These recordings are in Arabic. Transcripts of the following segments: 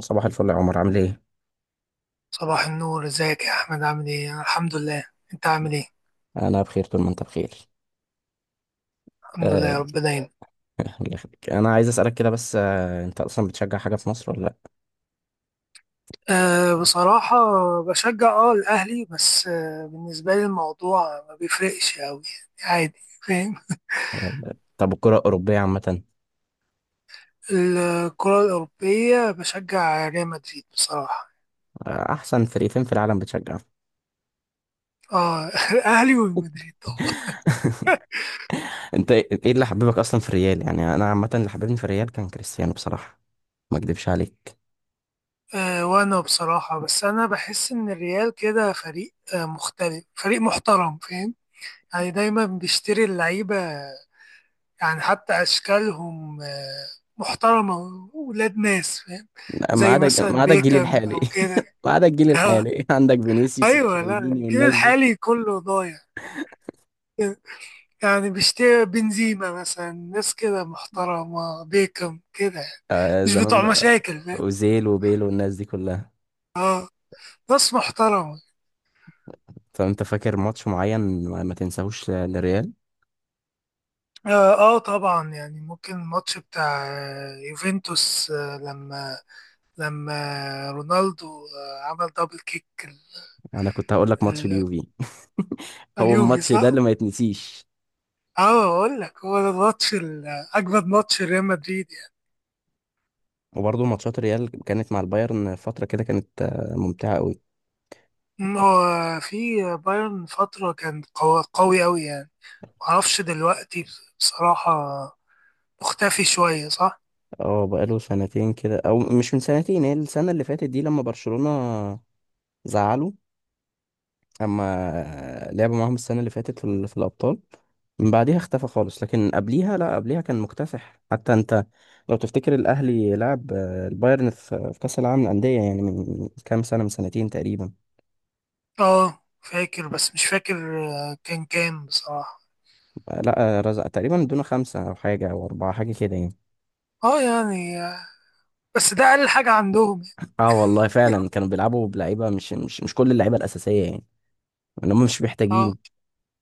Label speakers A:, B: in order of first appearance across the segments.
A: صباح الفل يا عمر، عامل ايه؟
B: صباح النور، ازيك يا احمد؟ عامل ايه؟ أنا الحمد لله. انت عامل ايه؟
A: انا بخير طول ما انت بخير.
B: الحمد لله
A: آه.
B: يا رب دايما.
A: الله يخليك، انا عايز اسالك كده بس، انت اصلا بتشجع حاجه في مصر ولا لا؟
B: أه، بصراحة بشجع اه الاهلي، بس أه بالنسبة لي الموضوع ما بيفرقش اوي، يعني عادي. فاهم؟
A: آه، طب الكره الاوروبيه عامه؟
B: الكرة الأوروبية بشجع ريال مدريد بصراحة.
A: آه، احسن فريقين في العالم بتشجع.
B: اه الاهلي والمدريد طبعا.
A: انت إيه اللي حببك اصلا في الريال؟ يعني انا عامه اللي حببني في الريال كان كريستيانو بصراحه، ما اكدبش عليك.
B: أه وانا بصراحة، بس انا بحس ان الريال كده فريق مختلف، فريق محترم، فاهم؟ يعني دايما بيشتري اللعيبة، يعني حتى أشكالهم محترمة، ولاد ناس فاهم،
A: ما
B: زي
A: عدا
B: مثلا
A: ما عدا الجيل
B: بيكم
A: الحالي.
B: أو كده.
A: ما عدا الجيل
B: آه،
A: الحالي، عندك فينيسيوس
B: أيوه، لا
A: وتشاوميني
B: الجيل
A: والناس دي.
B: الحالي كله ضايع، يعني بيشتري بنزيما مثلا، ناس كده محترمة، بيكم كده يعني.
A: آه،
B: مش
A: زمان
B: بتوع
A: بقى،
B: مشاكل، فاهم؟
A: اوزيل وبيل والناس دي كلها.
B: ناس محترمة.
A: فانت فاكر ماتش معين ما تنساهوش للريال؟
B: آه، اه طبعا، يعني ممكن الماتش بتاع يوفنتوس، آه لما لما رونالدو آه عمل دبل كيك
A: انا كنت هقول لك ماتش
B: ال-
A: اليوفي. هو
B: اليوفي،
A: الماتش ده
B: صح؟
A: اللي ما يتنسيش.
B: اه اقول لك، هو ده الماتش اجمد ماتش ريال مدريد يعني.
A: وبرضه ماتشات ريال كانت مع البايرن فترة كده، كانت ممتعة قوي.
B: هو في بايرن فتره كان قوي قوي قوي يعني. معرفش دلوقتي بصراحه، مختفي شويه، صح.
A: اه، بقاله سنتين كده، او مش من سنتين، هي السنة اللي فاتت دي لما برشلونة زعلوا، اما لعبوا معاهم السنة اللي فاتت في الابطال. من بعديها اختفى خالص، لكن قبليها، لا قبليها كان مكتسح. حتى انت لو تفتكر الاهلي لعب البايرن في كأس العالم للأندية يعني، من كام سنة، من سنتين تقريبا.
B: اه فاكر، بس مش فاكر كان كام بصراحه.
A: لا، رزق تقريبا دون خمسة أو حاجة أو أربعة حاجة كده يعني.
B: اه يعني بس ده اقل حاجه عندهم يعني.
A: اه والله فعلا كانوا بيلعبوا بلعيبة مش كل اللعيبة الأساسية يعني، إن هم مش
B: اه،
A: محتاجين.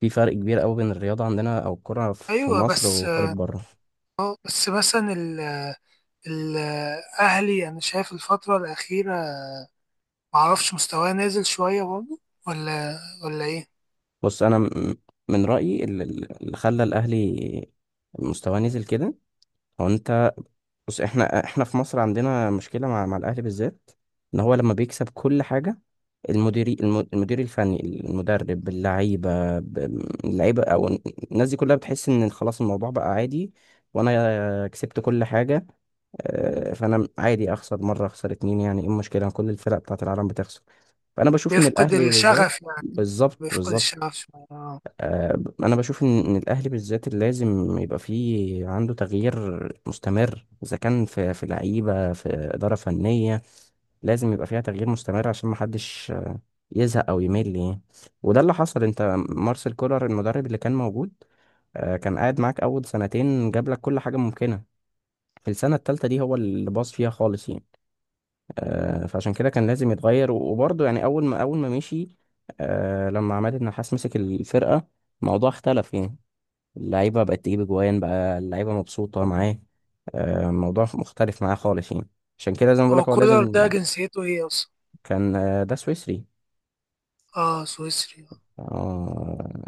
A: في فرق كبير قوي بين الرياضة عندنا أو الكرة في
B: ايوه
A: مصر
B: بس
A: وكرة
B: اه،
A: بره.
B: بس مثلا الاهلي انا شايف الفتره الاخيره معرفش، مستواه نازل شوية برضه؟ ولا ولا إيه؟
A: بص أنا من رأيي، اللي خلى الأهلي مستواه نزل كده هو أنت. بص، احنا في مصر عندنا مشكلة مع الأهلي بالذات، إن هو لما بيكسب كل حاجة، المدير الفني، المدرب، اللعيبة أو الناس دي كلها بتحس إن خلاص الموضوع بقى عادي، وأنا كسبت كل حاجة. فأنا عادي أخسر مرة أخسر اتنين، يعني إيه المشكلة؟ كل الفرق بتاعت العالم بتخسر. فأنا بشوف إن
B: بيفقد
A: الأهلي بالذات.
B: الشغف يعني.
A: بالظبط
B: بيفقد
A: بالظبط.
B: الشغف شوية.
A: آه، انا بشوف إن الاهلي بالذات اللي لازم يبقى فيه عنده تغيير مستمر، اذا كان في لعيبه، في اداره فنيه، لازم يبقى فيها تغيير مستمر عشان ما حدش يزهق او يمل يعني. وده اللي حصل. انت، مارسيل كولر المدرب اللي كان موجود، كان قاعد معاك اول سنتين، جاب لك كل حاجه ممكنه. في السنه الثالثه دي هو اللي باظ فيها خالص يعني. فعشان كده كان لازم يتغير، و- وبرضه يعني اول ما مشي، لما عماد النحاس مسك الفرقه الموضوع اختلف يعني. اللعيبة بقت تجيب أجوان، بقى اللعيبة مبسوطة معاه. الموضوع مختلف معاه خالص يعني. عشان كده زي ما
B: هو
A: بقولك هو
B: كولر ده
A: لازم.
B: جنسيته إيه أصلا؟
A: كان، ده سويسري.
B: آه سويسري.
A: آه.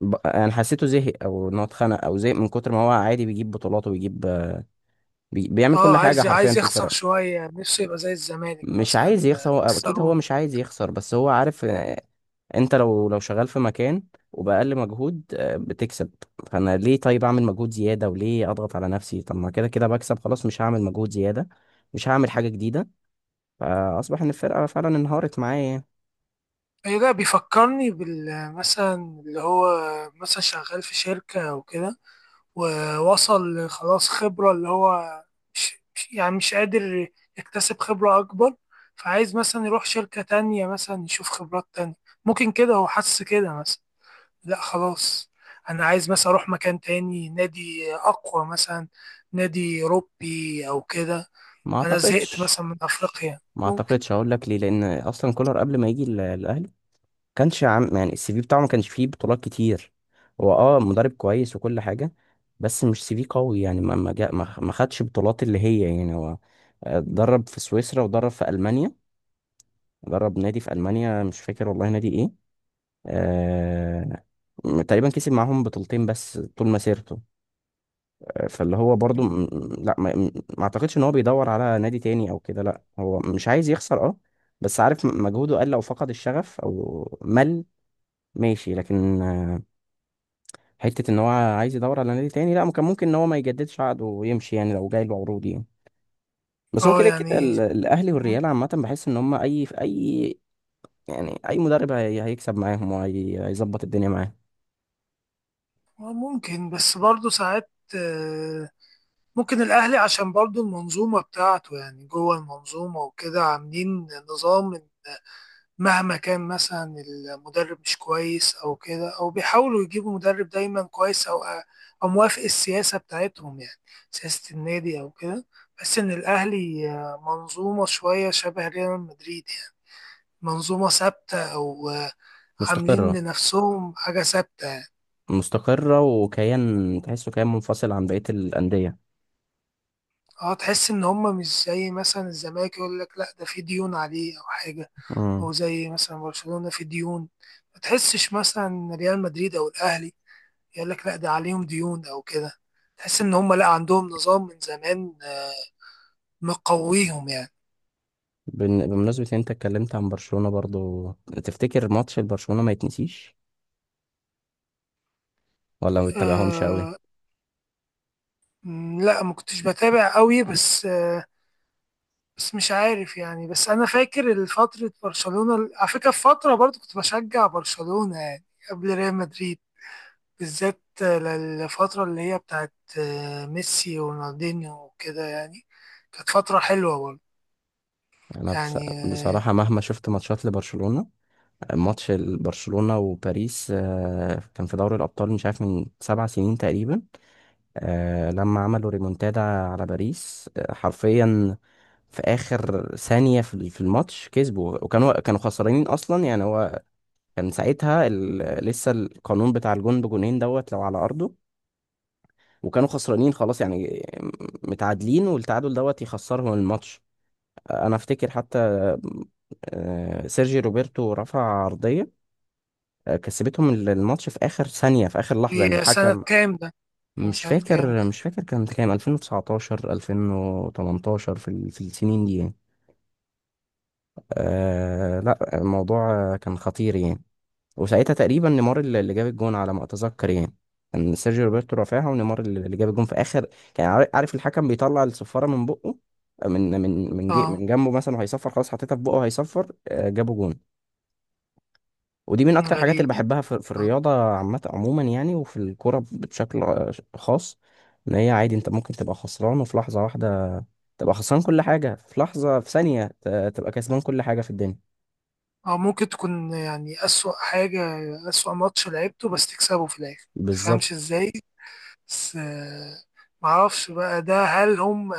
A: أنا حسيته زهق، أو إن هو اتخنق أو زهق من كتر ما هو عادي بيجيب بطولات وبيجيب، بيعمل
B: آه،
A: كل حاجة
B: عايز
A: حرفيا
B: عايز
A: في
B: يخسر
A: الفرق.
B: شوية نفسه، يبقى زي الزمالك
A: مش عايز
B: مثلا
A: يخسر، هو أكيد هو
B: خسرون.
A: مش عايز يخسر، بس هو عارف. انت لو شغال في مكان وبأقل مجهود بتكسب، فانا ليه طيب اعمل مجهود زيادة؟ وليه اضغط على نفسي؟ طب ما كده كده بكسب، خلاص مش هعمل مجهود زيادة، مش هعمل حاجة جديدة. فاصبح ان الفرقة فعلا انهارت معايا يعني.
B: أيوة ده بيفكرني بال مثلا، اللي هو مثلا شغال في شركة أو كده، ووصل خلاص خبرة، اللي هو يعني مش قادر يكتسب خبرة أكبر، فعايز مثلا يروح شركة تانية مثلا، يشوف خبرات تانية. ممكن كده هو حس كده مثلا، لا خلاص أنا عايز مثلا أروح مكان تاني، نادي أقوى مثلا، نادي أوروبي أو كده.
A: ما
B: أنا زهقت
A: اعتقدش
B: مثلا من أفريقيا،
A: ما
B: ممكن.
A: اعتقدش هقول لك ليه، لان اصلا كولر قبل ما يجي الاهلي، كانش عام، يعني السي في بتاعه ما كانش فيه بطولات كتير. هو، اه، مدرب كويس وكل حاجة، بس مش سي في قوي يعني، ما ما جا- ما ما خدش بطولات اللي هي يعني هو، درب في سويسرا ودرب في ألمانيا، جرب نادي في ألمانيا مش فاكر والله نادي إيه. آه... تقريبا كسب معاهم بطولتين بس طول مسيرته. فاللي هو برضو لا، ما أعتقدش إن هو بيدور على نادي تاني أو كده. لا هو مش عايز يخسر، أه، بس عارف مجهوده قل أو فقد الشغف أو مل، ماشي، لكن حتة إن هو عايز يدور على نادي تاني لا. ممكن إن هو ما يجددش عقده ويمشي يعني، لو جاي له عروض يعني. بس هو
B: أه
A: كده كده
B: يعني
A: الأهلي
B: م-،
A: والريال عامة، بحس إن هم أي في أي، يعني اي مدرب هيكسب معاهم وهيظبط الدنيا معاهم.
B: ممكن، بس برضه ساعات آه، ممكن الأهلي، عشان برضو المنظومة بتاعته يعني، جوه المنظومة وكده عاملين نظام، إن مهما كان مثلا المدرب مش كويس أو كده، أو بيحاولوا يجيبوا مدرب دايما كويس، أو أو موافق السياسة بتاعتهم يعني، سياسة النادي أو كده. بس إن الأهلي منظومة شوية شبه ريال مدريد يعني، منظومة ثابتة أو عاملين
A: مستقرة.
B: لنفسهم حاجة ثابتة يعني.
A: مستقرة وكيان، تحسه كيان منفصل عن بقية الأندية.
B: اه، تحس ان هم مش زي مثلا الزمالك، يقول لك لا ده في ديون عليه او حاجه،
A: امم.
B: او زي مثلا برشلونه في ديون، ما تحسش مثلا إن ريال مدريد او الاهلي يقول لك لا ده عليهم ديون او كده. تحس ان هم لا، عندهم نظام من زمان مقويهم يعني.
A: بمناسبة إن انت اتكلمت عن برشلونة برضو، تفتكر ماتش البرشلونة ما يتنسيش، ولا ما بتتابعهمش قوي؟
B: أه لا ما كنتش بتابع قوي، بس أه، بس مش عارف يعني، بس انا فاكر فتره برشلونه، على فكره في فتره برضو كنت بشجع برشلونه يعني، قبل ريال مدريد، بالذات للفترة اللي هي بتاعت ميسي ورونالدينيو وكده يعني. كانت فترة حلوة برضه
A: انا، بص.
B: يعني آه،
A: بصراحة، مهما شفت ماتشات لبرشلونة، ماتش برشلونة وباريس كان في دوري الأبطال، مش عارف، من 7 سنين تقريبا. لما عملوا ريمونتادا على باريس حرفيا في اخر ثانية في الماتش كسبوا، وكانوا كانوا خسرانين اصلا يعني. هو كان ساعتها لسه القانون بتاع الجون بجونين دوت لو على ارضه، وكانوا خسرانين خلاص يعني، متعادلين والتعادل دوت يخسرهم الماتش. انا افتكر حتى سيرجي روبرتو رفع عرضية، كسبتهم الماتش في آخر ثانية، في آخر لحظة، يعني
B: دي سنة
A: الحكم،
B: كام ده؟ كان
A: مش
B: سنة كام
A: فاكر
B: ده؟
A: مش فاكر كان كام، 2019 2018 في السنين دي يعني. آه لا، الموضوع كان خطير يعني. وساعتها تقريبا نيمار اللي جاب الجون على ما اتذكر يعني. كان سيرجيو روبرتو رافعها ونيمار اللي جاب الجون في اخر. كان عارف الحكم بيطلع الصفاره من بقه، من من من جي
B: اه
A: من جنبه مثلا، وهيصفر خلاص، حطيتها في بقه وهيصفر جابوا جون. ودي من اكتر الحاجات
B: غريب
A: اللي
B: يعني.
A: بحبها في
B: اه
A: الرياضه عامه عموما يعني، وفي الكوره بشكل خاص، ان هي عادي انت ممكن تبقى خسران، وفي لحظه واحده تبقى خسران كل حاجه، في لحظه، في ثانيه تبقى كسبان كل حاجه في الدنيا.
B: ممكن تكون يعني أسوأ حاجة، أسوأ ماتش لعبته بس تكسبه في الآخر،
A: بالظبط.
B: متفهمش ازاي. بس معرفش بقى ده، هل هم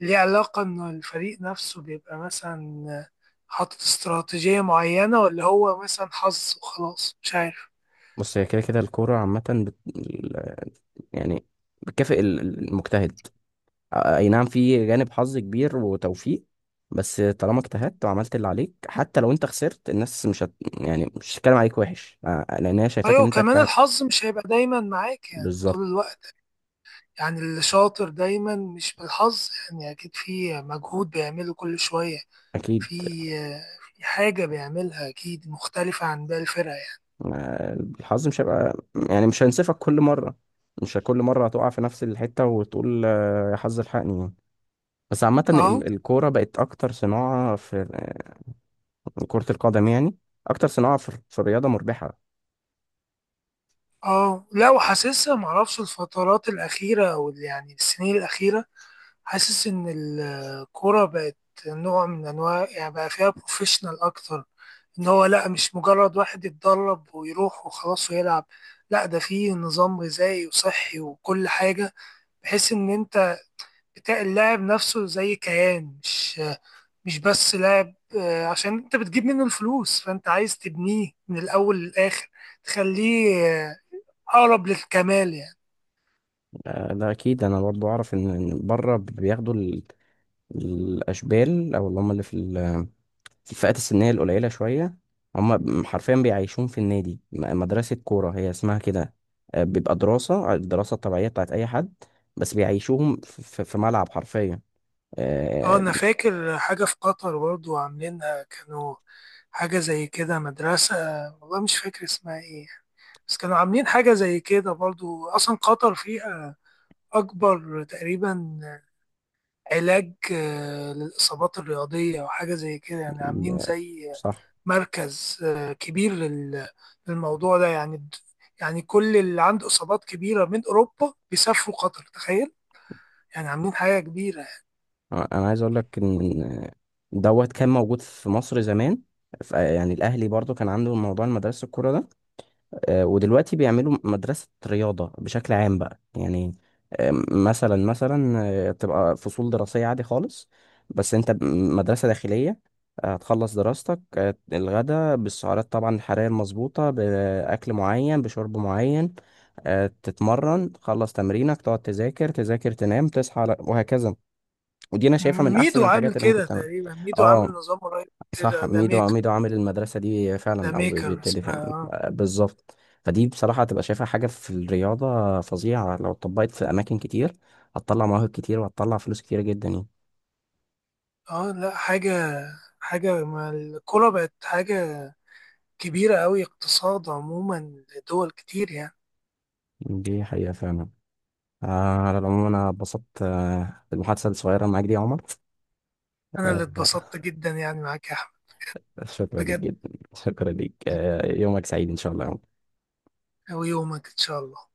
B: ليه علاقة إن الفريق نفسه بيبقى مثلا حاطط استراتيجية معينة، ولا هو مثلا حظ وخلاص، مش عارف.
A: بص، هي كده كده الكورة عامة يعني بتكافئ المجتهد. أي نعم، في جانب حظ كبير وتوفيق، بس طالما اجتهدت وعملت اللي عليك، حتى لو انت خسرت الناس مش هت... يعني مش هتتكلم عليك وحش، لأن هي شايفاك ان
B: ايوه،
A: انت
B: كمان
A: اجتهدت.
B: الحظ مش هيبقى دايما معاك يعني طول
A: بالظبط.
B: الوقت. يعني اللي شاطر دايما مش بالحظ، يعني اكيد في مجهود بيعمله كل شوية.
A: أكيد.
B: في في حاجة بيعملها اكيد مختلفة عن باقي الفرقة يعني.
A: آه، الحظ مش هيبقى، يعني مش هينصفك كل مرة، مش كل مرة هتقع في نفس الحتة وتقول يا حظ الحقني يعني. بس عامة
B: اه.
A: الكورة بقت أكتر صناعة في، كرة القدم يعني، اكتر صناعه في الرياضه مربحه.
B: اه لا، وحاسسها، معرفش الفترات الأخيرة أو ال-، يعني السنين الأخيرة، حاسس إن الكورة بقت نوع من أنواع، يعني بقى فيها بروفيشنال أكتر. إن هو لأ، مش مجرد واحد يتدرب ويروح وخلاص ويلعب، لأ ده فيه نظام غذائي وصحي وكل حاجة، بحيث إن أنت بتاع اللاعب نفسه زي كيان، مش مش بس لاعب عشان أنت بتجيب منه الفلوس، فأنت عايز تبنيه من الأول للآخر، تخليه أقرب للكمال يعني.
A: ده اكيد. انا برضو اعرف إن بره بياخدوا الاشبال، او اللي هم اللي في الفئات السنيه القليله شويه، هم حرفيا بيعيشون في النادي، مدرسه كوره هي اسمها كده. بيبقى دراسه، الدراسه الطبيعيه بتاعت اي حد، بس بيعيشوهم في ملعب حرفيا.
B: اه
A: آه.
B: انا فاكر حاجة في قطر برضو عاملينها، كانوا حاجة زي كده، مدرسة، والله مش فاكر اسمها ايه يعني، بس كانوا عاملين حاجة زي كده برضو. اصلا قطر فيها اكبر تقريبا علاج للاصابات الرياضية او حاجة زي كده يعني، عاملين زي
A: صح.
B: مركز كبير للموضوع ده، يعني يعني كل اللي عنده اصابات كبيرة من اوروبا بيسافروا قطر، تخيل. يعني عاملين حاجة كبيرة.
A: انا عايز اقول لك ان دوت كان موجود في مصر زمان. يعني الاهلي برضو كان عنده موضوع المدرسه الكوره ده. ودلوقتي بيعملوا مدرسة رياضة بشكل عام بقى يعني. مثلا، تبقى فصول دراسية عادي خالص، بس انت مدرسة داخلية. هتخلص دراستك، الغدا بالسعرات طبعا الحرارية المظبوطة، بأكل معين، بشرب معين، تتمرن، تخلص تمرينك، تقعد تذاكر تذاكر تنام، وهكذا. ودي انا شايفها من احسن
B: ميدو عامل
A: الحاجات اللي ممكن
B: كده
A: تعملها.
B: تقريبا، ميدو عامل
A: اه،
B: نظام قريب
A: صح.
B: كده، ذا
A: ميدو
B: ميكر.
A: ميدو عامل المدرسة دي
B: ذا
A: فعلا، أو
B: ميكر
A: بيبتدي
B: اسمها،
A: فعلا،
B: اه.
A: بالظبط. فدي بصراحة، هتبقى شايفها حاجة في الرياضة فظيعة لو اتطبقت في أماكن كتير، هتطلع مواهب كتير، وهتطلع فلوس كتير جدا يعني.
B: اه لا حاجة، حاجة ما الكورة بقت حاجة كبيرة أوي، اقتصاد عموما لدول كتير يعني.
A: دي حقيقة فعلا. آه، على العموم أنا اتبسطت بالمحادثة الصغيرة معاك دي يا عمر.
B: أنا اللي
A: آه،
B: اتبسطت جدا يعني معاك يا أحمد،
A: شكرا لك
B: بجد.
A: جدا، شكرا لك، يومك سعيد إن شاء الله يا عمر.
B: ويومك إن شاء الله.